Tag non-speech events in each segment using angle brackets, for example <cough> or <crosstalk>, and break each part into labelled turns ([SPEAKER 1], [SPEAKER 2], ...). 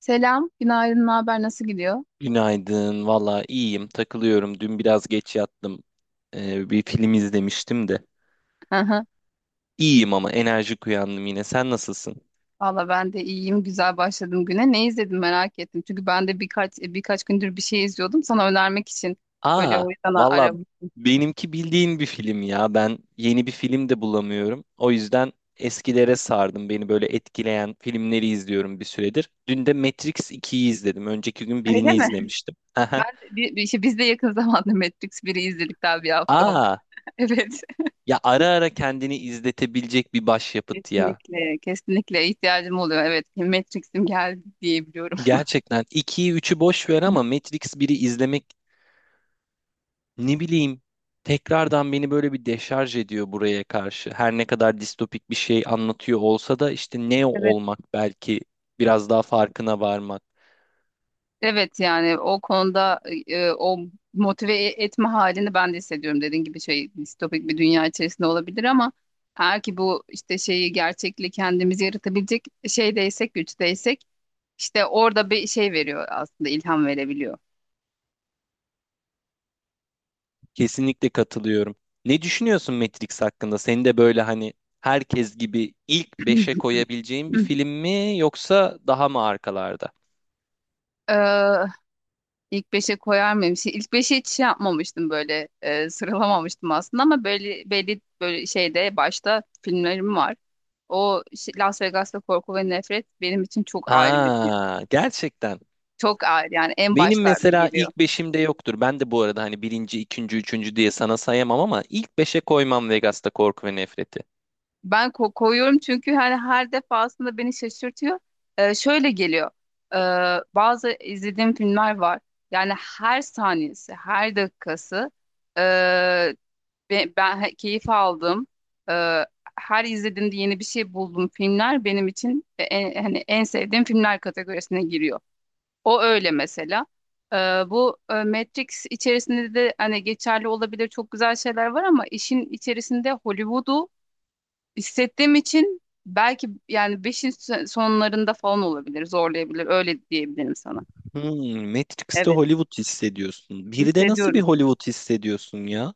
[SPEAKER 1] Selam, günaydın, ne haber, nasıl gidiyor?
[SPEAKER 2] Günaydın. Valla iyiyim. Takılıyorum. Dün biraz geç yattım. Bir film izlemiştim de.
[SPEAKER 1] Aha.
[SPEAKER 2] İyiyim ama enerjik uyandım yine. Sen nasılsın?
[SPEAKER 1] Valla ben de iyiyim, güzel başladım güne. Ne izledim merak ettim. Çünkü ben de birkaç gündür bir şey izliyordum. Sana önermek için böyle,
[SPEAKER 2] Aa,
[SPEAKER 1] o yüzden
[SPEAKER 2] valla
[SPEAKER 1] aradım.
[SPEAKER 2] benimki bildiğin bir film ya. Ben yeni bir film de bulamıyorum. O yüzden eskilere sardım. Beni böyle etkileyen filmleri izliyorum bir süredir. Dün de Matrix 2'yi izledim. Önceki gün
[SPEAKER 1] <laughs> Öyle
[SPEAKER 2] birini
[SPEAKER 1] mi?
[SPEAKER 2] izlemiştim. <laughs>
[SPEAKER 1] Ben
[SPEAKER 2] Aha.
[SPEAKER 1] de, bir, bir, işte biz de yakın <laughs> zamanda Matrix biri izledik, daha bir hafta oldu.
[SPEAKER 2] Aa,
[SPEAKER 1] <laughs> Evet.
[SPEAKER 2] ya ara ara kendini izletebilecek bir başyapıt ya.
[SPEAKER 1] Kesinlikle, kesinlikle ihtiyacım oluyor. Evet, Matrix'im geldi diyebiliyorum.
[SPEAKER 2] Gerçekten 2'yi üçü boş ver ama Matrix biri izlemek, ne bileyim, tekrardan beni böyle bir deşarj ediyor buraya karşı. Her ne kadar distopik bir şey anlatıyor olsa da işte Neo
[SPEAKER 1] <laughs>
[SPEAKER 2] olmak belki biraz daha farkına varmak.
[SPEAKER 1] Evet, yani o konuda o motive etme halini ben de hissediyorum. Dediğin gibi şey, distopik bir dünya içerisinde olabilir ama eğer ki bu işte şeyi, gerçekliği kendimiz yaratabilecek şeydeysek, güçteysek, işte orada bir şey veriyor, aslında ilham verebiliyor.
[SPEAKER 2] Kesinlikle katılıyorum. Ne düşünüyorsun Matrix hakkında? Seni de böyle hani herkes gibi ilk beşe
[SPEAKER 1] <clears throat>
[SPEAKER 2] koyabileceğin bir film mi, yoksa daha mı arkalarda?
[SPEAKER 1] Ee, ilk beşe koyar mıyım? Şey, ilk beşe hiç şey yapmamıştım, böyle sıralamamıştım aslında ama böyle belli, böyle şeyde başta filmlerim var. Las Vegas'ta Korku ve Nefret benim için çok ayrı bir film.
[SPEAKER 2] Aa, gerçekten.
[SPEAKER 1] Çok ağır, yani en
[SPEAKER 2] Benim
[SPEAKER 1] başlarda
[SPEAKER 2] mesela
[SPEAKER 1] geliyor.
[SPEAKER 2] ilk beşimde yoktur. Ben de bu arada hani birinci, ikinci, üçüncü diye sana sayamam ama ilk beşe koymam Vegas'ta Korku ve Nefret'i.
[SPEAKER 1] Ben koyuyorum çünkü hani her defasında beni şaşırtıyor. Şöyle geliyor. Ee, Bazı izlediğim filmler var. Yani her saniyesi, her dakikası ee, keyif aldım. Ee, Her izlediğimde yeni bir şey buldum. Filmler benim için en, hani en sevdiğim filmler kategorisine giriyor. O öyle mesela. Ee, Bu Matrix içerisinde de hani geçerli olabilir, çok güzel şeyler var ama işin içerisinde Hollywood'u hissettiğim için, belki yani beşin sonlarında falan olabilir, zorlayabilir. Öyle diyebilirim sana.
[SPEAKER 2] Hmm, Matrix'te
[SPEAKER 1] Evet,
[SPEAKER 2] Hollywood hissediyorsun. Bir de nasıl bir
[SPEAKER 1] hissediyorum.
[SPEAKER 2] Hollywood hissediyorsun ya?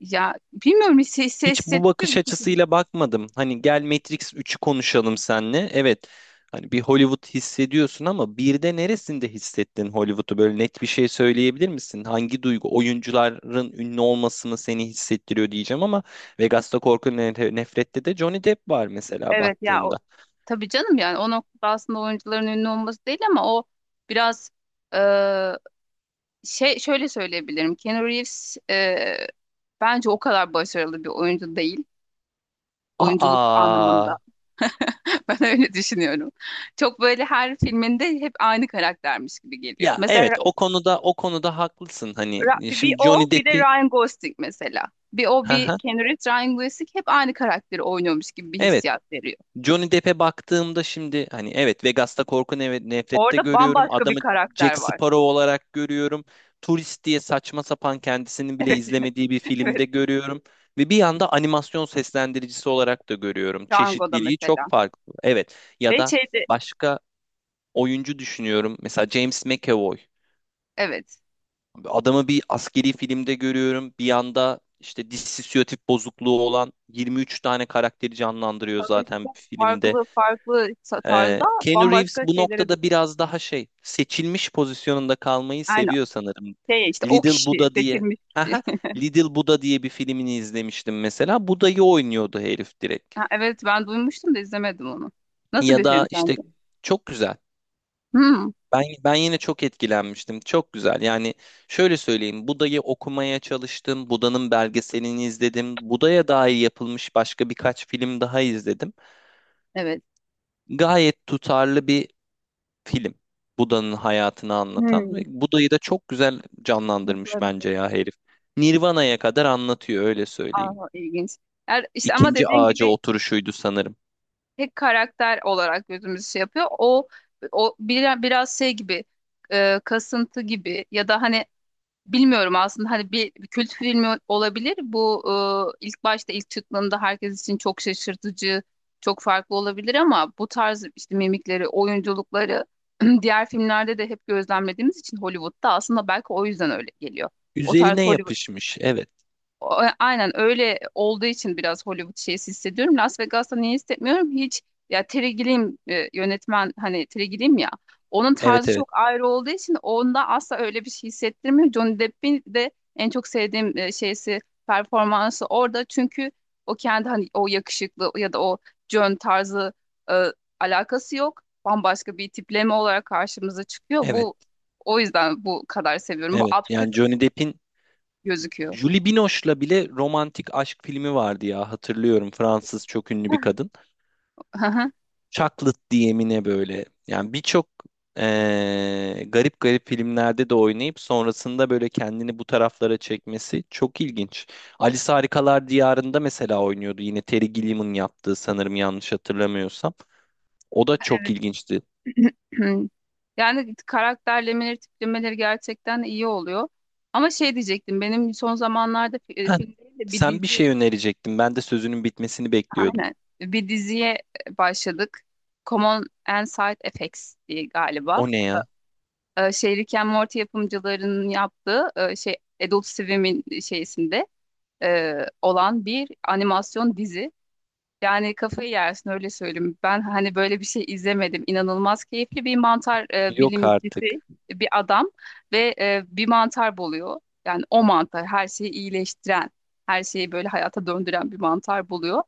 [SPEAKER 1] Ya bilmiyorum, hisse, hisse,
[SPEAKER 2] Hiç bu
[SPEAKER 1] hissettiriyor.
[SPEAKER 2] bakış açısıyla bakmadım. Hani gel Matrix 3'ü konuşalım seninle. Evet. Hani bir Hollywood hissediyorsun ama bir de neresinde hissettin Hollywood'u? Böyle net bir şey söyleyebilir misin? Hangi duygu oyuncuların ünlü olmasını seni hissettiriyor diyeceğim ama Vegas'ta Nefret'te de Johnny Depp var mesela
[SPEAKER 1] Evet ya, o
[SPEAKER 2] baktığında.
[SPEAKER 1] tabii canım, yani o noktada aslında oyuncuların ünlü olması değil ama o biraz e, şey, şöyle söyleyebilirim. Keanu Reeves bence o kadar başarılı bir oyuncu değil, oyunculuk
[SPEAKER 2] Aa.
[SPEAKER 1] anlamında. <laughs> Ben öyle düşünüyorum. Çok böyle her filminde hep aynı karaktermiş gibi geliyor.
[SPEAKER 2] Ya
[SPEAKER 1] Mesela
[SPEAKER 2] evet, o konuda haklısın. Hani
[SPEAKER 1] Ra- bir bir
[SPEAKER 2] şimdi
[SPEAKER 1] o
[SPEAKER 2] Johnny
[SPEAKER 1] bir de
[SPEAKER 2] Depp'i. <laughs>
[SPEAKER 1] Ryan Gosling mesela. Bir o
[SPEAKER 2] Hı
[SPEAKER 1] bir
[SPEAKER 2] hı.
[SPEAKER 1] Keanu Reeves, Ryan Gosling hep aynı karakteri oynuyormuş gibi bir
[SPEAKER 2] Evet.
[SPEAKER 1] hissiyat veriyor.
[SPEAKER 2] Johnny Depp'e baktığımda şimdi hani evet, Vegas'ta nefrette
[SPEAKER 1] Orada
[SPEAKER 2] görüyorum.
[SPEAKER 1] bambaşka bir
[SPEAKER 2] Adamı
[SPEAKER 1] karakter
[SPEAKER 2] Jack
[SPEAKER 1] var.
[SPEAKER 2] Sparrow olarak görüyorum. Turist diye saçma sapan kendisinin
[SPEAKER 1] <laughs>
[SPEAKER 2] bile
[SPEAKER 1] Evet,
[SPEAKER 2] izlemediği bir
[SPEAKER 1] evet.
[SPEAKER 2] filmde görüyorum. Ve bir yanda animasyon seslendiricisi olarak da görüyorum.
[SPEAKER 1] Django'da
[SPEAKER 2] Çeşitliliği
[SPEAKER 1] mesela.
[SPEAKER 2] çok farklı. Evet, ya
[SPEAKER 1] Ve
[SPEAKER 2] da
[SPEAKER 1] şeyde
[SPEAKER 2] başka oyuncu düşünüyorum. Mesela James McAvoy.
[SPEAKER 1] evet,
[SPEAKER 2] Adamı bir askeri filmde görüyorum. Bir yanda işte dissosiyatif bozukluğu olan 23 tane karakteri canlandırıyor
[SPEAKER 1] tabii
[SPEAKER 2] zaten
[SPEAKER 1] çok
[SPEAKER 2] bir filmde.
[SPEAKER 1] farklı tarzda
[SPEAKER 2] Keanu Reeves
[SPEAKER 1] bambaşka
[SPEAKER 2] bu
[SPEAKER 1] şeylere
[SPEAKER 2] noktada
[SPEAKER 1] düşün.
[SPEAKER 2] biraz daha şey, seçilmiş pozisyonunda kalmayı
[SPEAKER 1] Yani
[SPEAKER 2] seviyor sanırım.
[SPEAKER 1] şey, işte o
[SPEAKER 2] Little
[SPEAKER 1] kişi
[SPEAKER 2] Buddha diye.
[SPEAKER 1] seçilmiş kişi.
[SPEAKER 2] Haha,
[SPEAKER 1] <laughs>
[SPEAKER 2] Little Buddha diye bir filmini izlemiştim mesela. Buda'yı oynuyordu herif direkt.
[SPEAKER 1] Ha, evet, ben duymuştum da izlemedim onu. Nasıl
[SPEAKER 2] Ya
[SPEAKER 1] bir
[SPEAKER 2] da
[SPEAKER 1] film
[SPEAKER 2] işte
[SPEAKER 1] sence?
[SPEAKER 2] çok güzel.
[SPEAKER 1] Hmm,
[SPEAKER 2] Ben yine çok etkilenmiştim. Çok güzel. Yani şöyle söyleyeyim. Buda'yı okumaya çalıştım. Buda'nın belgeselini izledim. Buda'ya dair yapılmış başka birkaç film daha izledim.
[SPEAKER 1] evet.
[SPEAKER 2] Gayet tutarlı bir film. Buda'nın hayatını anlatan ve
[SPEAKER 1] Hmm,
[SPEAKER 2] Buda'yı da çok güzel canlandırmış
[SPEAKER 1] nasıl bir şey?
[SPEAKER 2] bence ya herif. Nirvana'ya kadar anlatıyor, öyle söyleyeyim.
[SPEAKER 1] Aa, ilginç. Yani işte, ama
[SPEAKER 2] İkinci
[SPEAKER 1] dediğin
[SPEAKER 2] ağaca
[SPEAKER 1] gibi
[SPEAKER 2] oturuşuydu sanırım.
[SPEAKER 1] tek karakter olarak gözümüzü şey yapıyor. O biraz şey gibi, kasıntı gibi, ya da hani bilmiyorum aslında, hani bir kült filmi olabilir. Bu ilk başta, ilk çıktığında herkes için çok şaşırtıcı, çok farklı olabilir ama bu tarz işte mimikleri, oyunculukları <clears throat> diğer filmlerde de hep gözlemlediğimiz için, Hollywood'da aslında, belki o yüzden öyle geliyor. O tarz
[SPEAKER 2] Üzerine
[SPEAKER 1] Hollywood.
[SPEAKER 2] yapışmış. Evet.
[SPEAKER 1] Aynen öyle olduğu için biraz Hollywood şeysi hissediyorum. Las Vegas'ta niye hissetmiyorum? Hiç, ya Terry Gilliam yönetmen, hani Terry Gilliam ya, onun
[SPEAKER 2] Evet,
[SPEAKER 1] tarzı
[SPEAKER 2] evet.
[SPEAKER 1] çok ayrı olduğu için onda asla öyle bir şey hissettirmiyor. Johnny Depp'in de en çok sevdiğim şeysi, performansı orada çünkü o kendi, hani o yakışıklı ya da o John tarzı, e, alakası yok. Bambaşka bir tipleme olarak karşımıza çıkıyor.
[SPEAKER 2] Evet.
[SPEAKER 1] Bu o yüzden bu kadar seviyorum. Bu
[SPEAKER 2] Evet.
[SPEAKER 1] absürt
[SPEAKER 2] Yani Johnny Depp'in
[SPEAKER 1] gözüküyor.
[SPEAKER 2] Julie Binoche'la bile romantik aşk filmi vardı ya, hatırlıyorum. Fransız çok ünlü bir kadın. Chocolate DM'ine böyle. Yani birçok garip garip filmlerde de oynayıp sonrasında böyle kendini bu taraflara çekmesi çok ilginç. Alice Harikalar Diyarı'nda mesela oynuyordu. Yine Terry Gilliam'ın yaptığı sanırım, yanlış hatırlamıyorsam. O da çok ilginçti.
[SPEAKER 1] <laughs> Yani karakterlemeleri, tiplemeleri gerçekten iyi oluyor. Ama şey diyecektim, benim son zamanlarda
[SPEAKER 2] Heh,
[SPEAKER 1] film değil de bir
[SPEAKER 2] sen bir
[SPEAKER 1] dizi,
[SPEAKER 2] şey önerecektin. Ben de sözünün bitmesini bekliyordum.
[SPEAKER 1] aynen, bir diziye başladık. Common and Side Effects diye galiba.
[SPEAKER 2] O ne ya?
[SPEAKER 1] Şey, Rick and Morty yapımcılarının yaptığı, şey, Adult Swim'in şeysinde e, olan bir animasyon dizi. Yani kafayı yersin, öyle söyleyeyim. Ben hani böyle bir şey izlemedim. İnanılmaz keyifli bir mantar
[SPEAKER 2] Yok
[SPEAKER 1] bilimcisi,
[SPEAKER 2] artık.
[SPEAKER 1] bir adam ve bir mantar buluyor. Yani o mantar her şeyi iyileştiren, her şeyi böyle hayata döndüren bir mantar buluyor.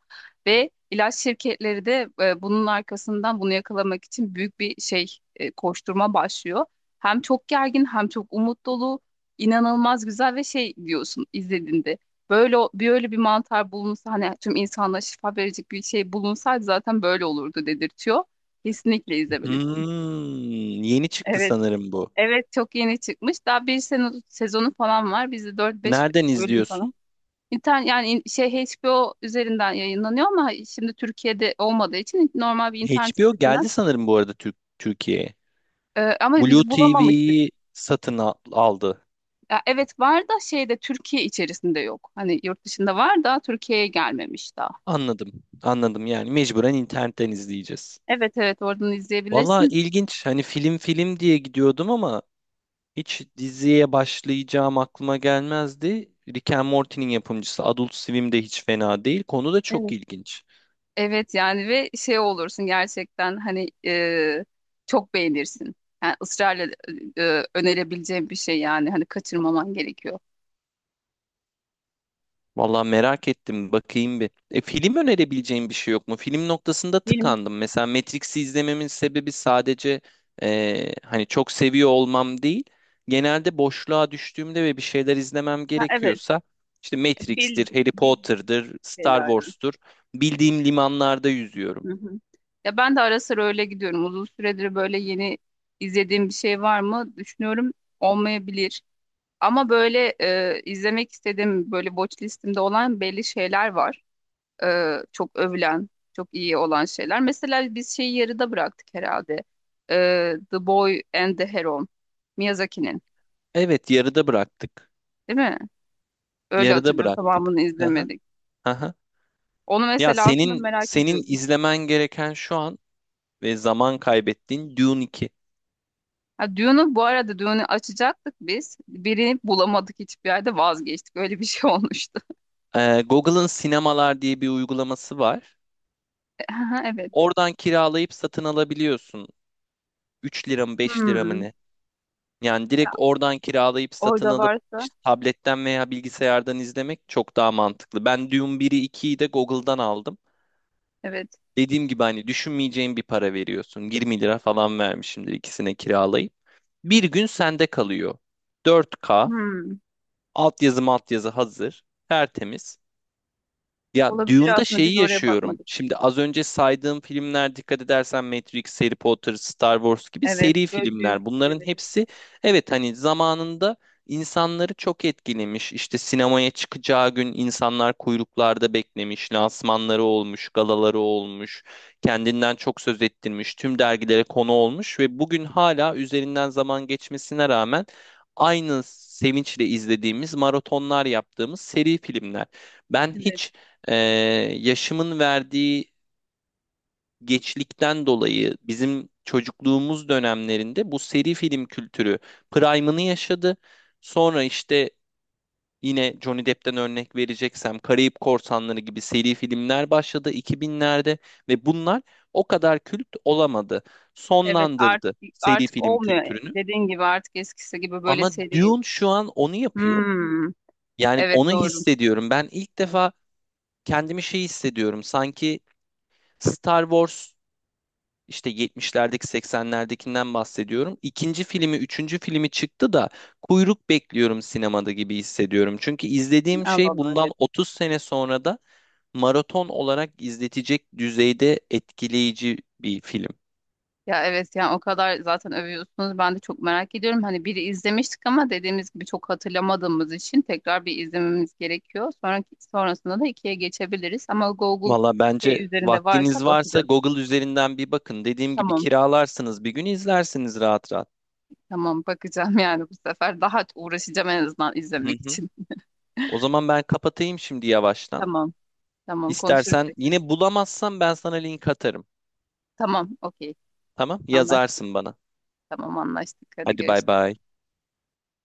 [SPEAKER 1] Ve ilaç şirketleri de bunun arkasından, bunu yakalamak için büyük bir şey, koşturma başlıyor. Hem çok gergin, hem çok umut dolu, inanılmaz güzel ve şey diyorsun izlediğinde. Böyle bir öyle bir mantar bulunsa, hani tüm insanlığa şifa verecek bir şey bulunsaydı zaten böyle olurdu dedirtiyor. Kesinlikle izlemelisin.
[SPEAKER 2] Hmm, yeni çıktı
[SPEAKER 1] Evet.
[SPEAKER 2] sanırım bu.
[SPEAKER 1] Evet, çok yeni çıkmış. Daha bir sene, sezonu falan var. Bizde dört beş
[SPEAKER 2] Nereden
[SPEAKER 1] bölüm falan.
[SPEAKER 2] izliyorsun?
[SPEAKER 1] İnternet, yani şey HBO üzerinden yayınlanıyor ama şimdi Türkiye'de olmadığı için normal bir internet
[SPEAKER 2] HBO
[SPEAKER 1] sitesinden.
[SPEAKER 2] geldi sanırım bu arada Türkiye'ye.
[SPEAKER 1] Ama
[SPEAKER 2] Blue
[SPEAKER 1] biz bulamamıştık.
[SPEAKER 2] TV'yi satın aldı.
[SPEAKER 1] Ya evet, var da şeyde, Türkiye içerisinde yok. Hani yurt dışında var da Türkiye'ye gelmemiş daha.
[SPEAKER 2] Anladım. Anladım, yani mecburen internetten izleyeceğiz.
[SPEAKER 1] Evet, evet, oradan
[SPEAKER 2] Valla
[SPEAKER 1] izleyebilirsin.
[SPEAKER 2] ilginç. Hani film film diye gidiyordum ama hiç diziye başlayacağım aklıma gelmezdi. Rick and Morty'nin yapımcısı Adult Swim de hiç fena değil. Konu da çok ilginç.
[SPEAKER 1] Evet, yani ve şey olursun gerçekten, hani çok beğenirsin. Yani ısrarla önerebileceğim bir şey, yani hani kaçırmaman gerekiyor.
[SPEAKER 2] Vallahi merak ettim. Bakayım bir. Film önerebileceğim bir şey yok mu? Film noktasında
[SPEAKER 1] Film.
[SPEAKER 2] tıkandım. Mesela Matrix'i izlememin sebebi sadece, hani çok seviyor olmam değil. Genelde boşluğa düştüğümde ve bir şeyler izlemem
[SPEAKER 1] Ha, evet.
[SPEAKER 2] gerekiyorsa işte
[SPEAKER 1] Bil,
[SPEAKER 2] Matrix'tir, Harry
[SPEAKER 1] bildik
[SPEAKER 2] Potter'dır, Star
[SPEAKER 1] şeylerden.
[SPEAKER 2] Wars'tur. Bildiğim limanlarda yüzüyorum.
[SPEAKER 1] Hı hı. Ya ben de ara sıra öyle gidiyorum. Uzun süredir böyle yeni izlediğim bir şey var mı düşünüyorum, olmayabilir. Ama böyle izlemek istediğim, böyle watch listemde olan belli şeyler var. Çok övülen, çok iyi olan şeyler. Mesela biz şeyi yarıda bıraktık herhalde. E, The Boy and the Heron. Miyazaki'nin,
[SPEAKER 2] Evet, yarıda bıraktık.
[SPEAKER 1] değil mi? Öyle
[SPEAKER 2] Yarıda
[SPEAKER 1] hatırlıyorum.
[SPEAKER 2] bıraktık.
[SPEAKER 1] Tamamını
[SPEAKER 2] Aha,
[SPEAKER 1] izlemedik.
[SPEAKER 2] aha.
[SPEAKER 1] Onu
[SPEAKER 2] Ya
[SPEAKER 1] mesela aslında
[SPEAKER 2] senin
[SPEAKER 1] merak
[SPEAKER 2] senin
[SPEAKER 1] ediyordum.
[SPEAKER 2] izlemen gereken şu an ve zaman kaybettiğin Dune 2.
[SPEAKER 1] Ha, Dune'u bu arada, Dune'u açacaktık biz. Birini bulamadık hiçbir yerde, vazgeçtik. Öyle bir şey <laughs> olmuştu.
[SPEAKER 2] Google'ın sinemalar diye bir uygulaması var.
[SPEAKER 1] Aha, evet.
[SPEAKER 2] Oradan kiralayıp satın alabiliyorsun. 3 lira mı, 5 lira mı,
[SPEAKER 1] Hmm.
[SPEAKER 2] ne? Yani
[SPEAKER 1] Ya,
[SPEAKER 2] direkt oradan kiralayıp satın
[SPEAKER 1] orada
[SPEAKER 2] alıp
[SPEAKER 1] varsa
[SPEAKER 2] işte tabletten veya bilgisayardan izlemek çok daha mantıklı. Ben Dune 1'i, 2'yi de Google'dan aldım.
[SPEAKER 1] evet.
[SPEAKER 2] Dediğim gibi hani düşünmeyeceğin bir para veriyorsun. 20 lira falan vermişimdir ikisine kiralayıp. Bir gün sende kalıyor. 4K,
[SPEAKER 1] Hmm.
[SPEAKER 2] altyazı maltyazı hazır, tertemiz. Ya
[SPEAKER 1] Olabilir,
[SPEAKER 2] Dune'da
[SPEAKER 1] aslında biz
[SPEAKER 2] şeyi
[SPEAKER 1] oraya
[SPEAKER 2] yaşıyorum.
[SPEAKER 1] bakmadık.
[SPEAKER 2] Şimdi az önce saydığım filmler, dikkat edersen, Matrix, Harry Potter, Star Wars gibi
[SPEAKER 1] Evet.
[SPEAKER 2] seri
[SPEAKER 1] Böyle büyük.
[SPEAKER 2] filmler. Bunların
[SPEAKER 1] Evet. Evet.
[SPEAKER 2] hepsi, evet hani, zamanında insanları çok etkilemiş. İşte sinemaya çıkacağı gün insanlar kuyruklarda beklemiş, lansmanları olmuş, galaları olmuş, kendinden çok söz ettirmiş, tüm dergilere konu olmuş ve bugün hala üzerinden zaman geçmesine rağmen aynı sevinçle izlediğimiz, maratonlar yaptığımız seri filmler. Ben
[SPEAKER 1] Evet.
[SPEAKER 2] hiç, ee, yaşımın verdiği geçlikten dolayı, bizim çocukluğumuz dönemlerinde bu seri film kültürü prime'ını yaşadı. Sonra işte yine Johnny Depp'ten örnek vereceksem, Karayip Korsanları gibi seri filmler başladı 2000'lerde ve bunlar o kadar kült olamadı.
[SPEAKER 1] Evet, artık
[SPEAKER 2] Sonlandırdı seri
[SPEAKER 1] artık
[SPEAKER 2] film
[SPEAKER 1] olmuyor.
[SPEAKER 2] kültürünü.
[SPEAKER 1] Dediğin gibi artık eskisi gibi böyle
[SPEAKER 2] Ama
[SPEAKER 1] seri.
[SPEAKER 2] Dune şu an onu yapıyor.
[SPEAKER 1] Hmm.
[SPEAKER 2] Yani
[SPEAKER 1] Evet,
[SPEAKER 2] onu
[SPEAKER 1] doğru.
[SPEAKER 2] hissediyorum. Ben ilk defa kendimi şey hissediyorum. Sanki Star Wars, işte 70'lerdeki, 80'lerdekinden bahsediyorum, İkinci filmi, üçüncü filmi çıktı da kuyruk bekliyorum sinemada gibi hissediyorum. Çünkü izlediğim
[SPEAKER 1] Allah
[SPEAKER 2] şey
[SPEAKER 1] Allah,
[SPEAKER 2] bundan
[SPEAKER 1] evet.
[SPEAKER 2] 30 sene sonra da maraton olarak izletecek düzeyde etkileyici bir film.
[SPEAKER 1] Ya evet, yani o kadar zaten övüyorsunuz. Ben de çok merak ediyorum. Hani biri izlemiştik ama dediğimiz gibi çok hatırlamadığımız için tekrar bir izlememiz gerekiyor. Sonraki, sonrasında da ikiye geçebiliriz. Ama Google
[SPEAKER 2] Valla
[SPEAKER 1] şey
[SPEAKER 2] bence
[SPEAKER 1] üzerinde varsa
[SPEAKER 2] vaktiniz varsa
[SPEAKER 1] bakacağız.
[SPEAKER 2] Google üzerinden bir bakın. Dediğim gibi
[SPEAKER 1] Tamam.
[SPEAKER 2] kiralarsınız, bir gün izlersiniz rahat rahat.
[SPEAKER 1] Tamam, bakacağım <laughs> yani bu sefer. Daha uğraşacağım en azından
[SPEAKER 2] Hı
[SPEAKER 1] izlemek
[SPEAKER 2] hı.
[SPEAKER 1] için.
[SPEAKER 2] O zaman ben kapatayım şimdi yavaştan.
[SPEAKER 1] Tamam. Tamam, konuşuruz
[SPEAKER 2] İstersen
[SPEAKER 1] tekrar.
[SPEAKER 2] yine bulamazsam ben sana link atarım.
[SPEAKER 1] Tamam. Okey.
[SPEAKER 2] Tamam?
[SPEAKER 1] Anlaştık.
[SPEAKER 2] Yazarsın bana.
[SPEAKER 1] Tamam, anlaştık. Hadi
[SPEAKER 2] Hadi bay
[SPEAKER 1] görüşürüz.
[SPEAKER 2] bay.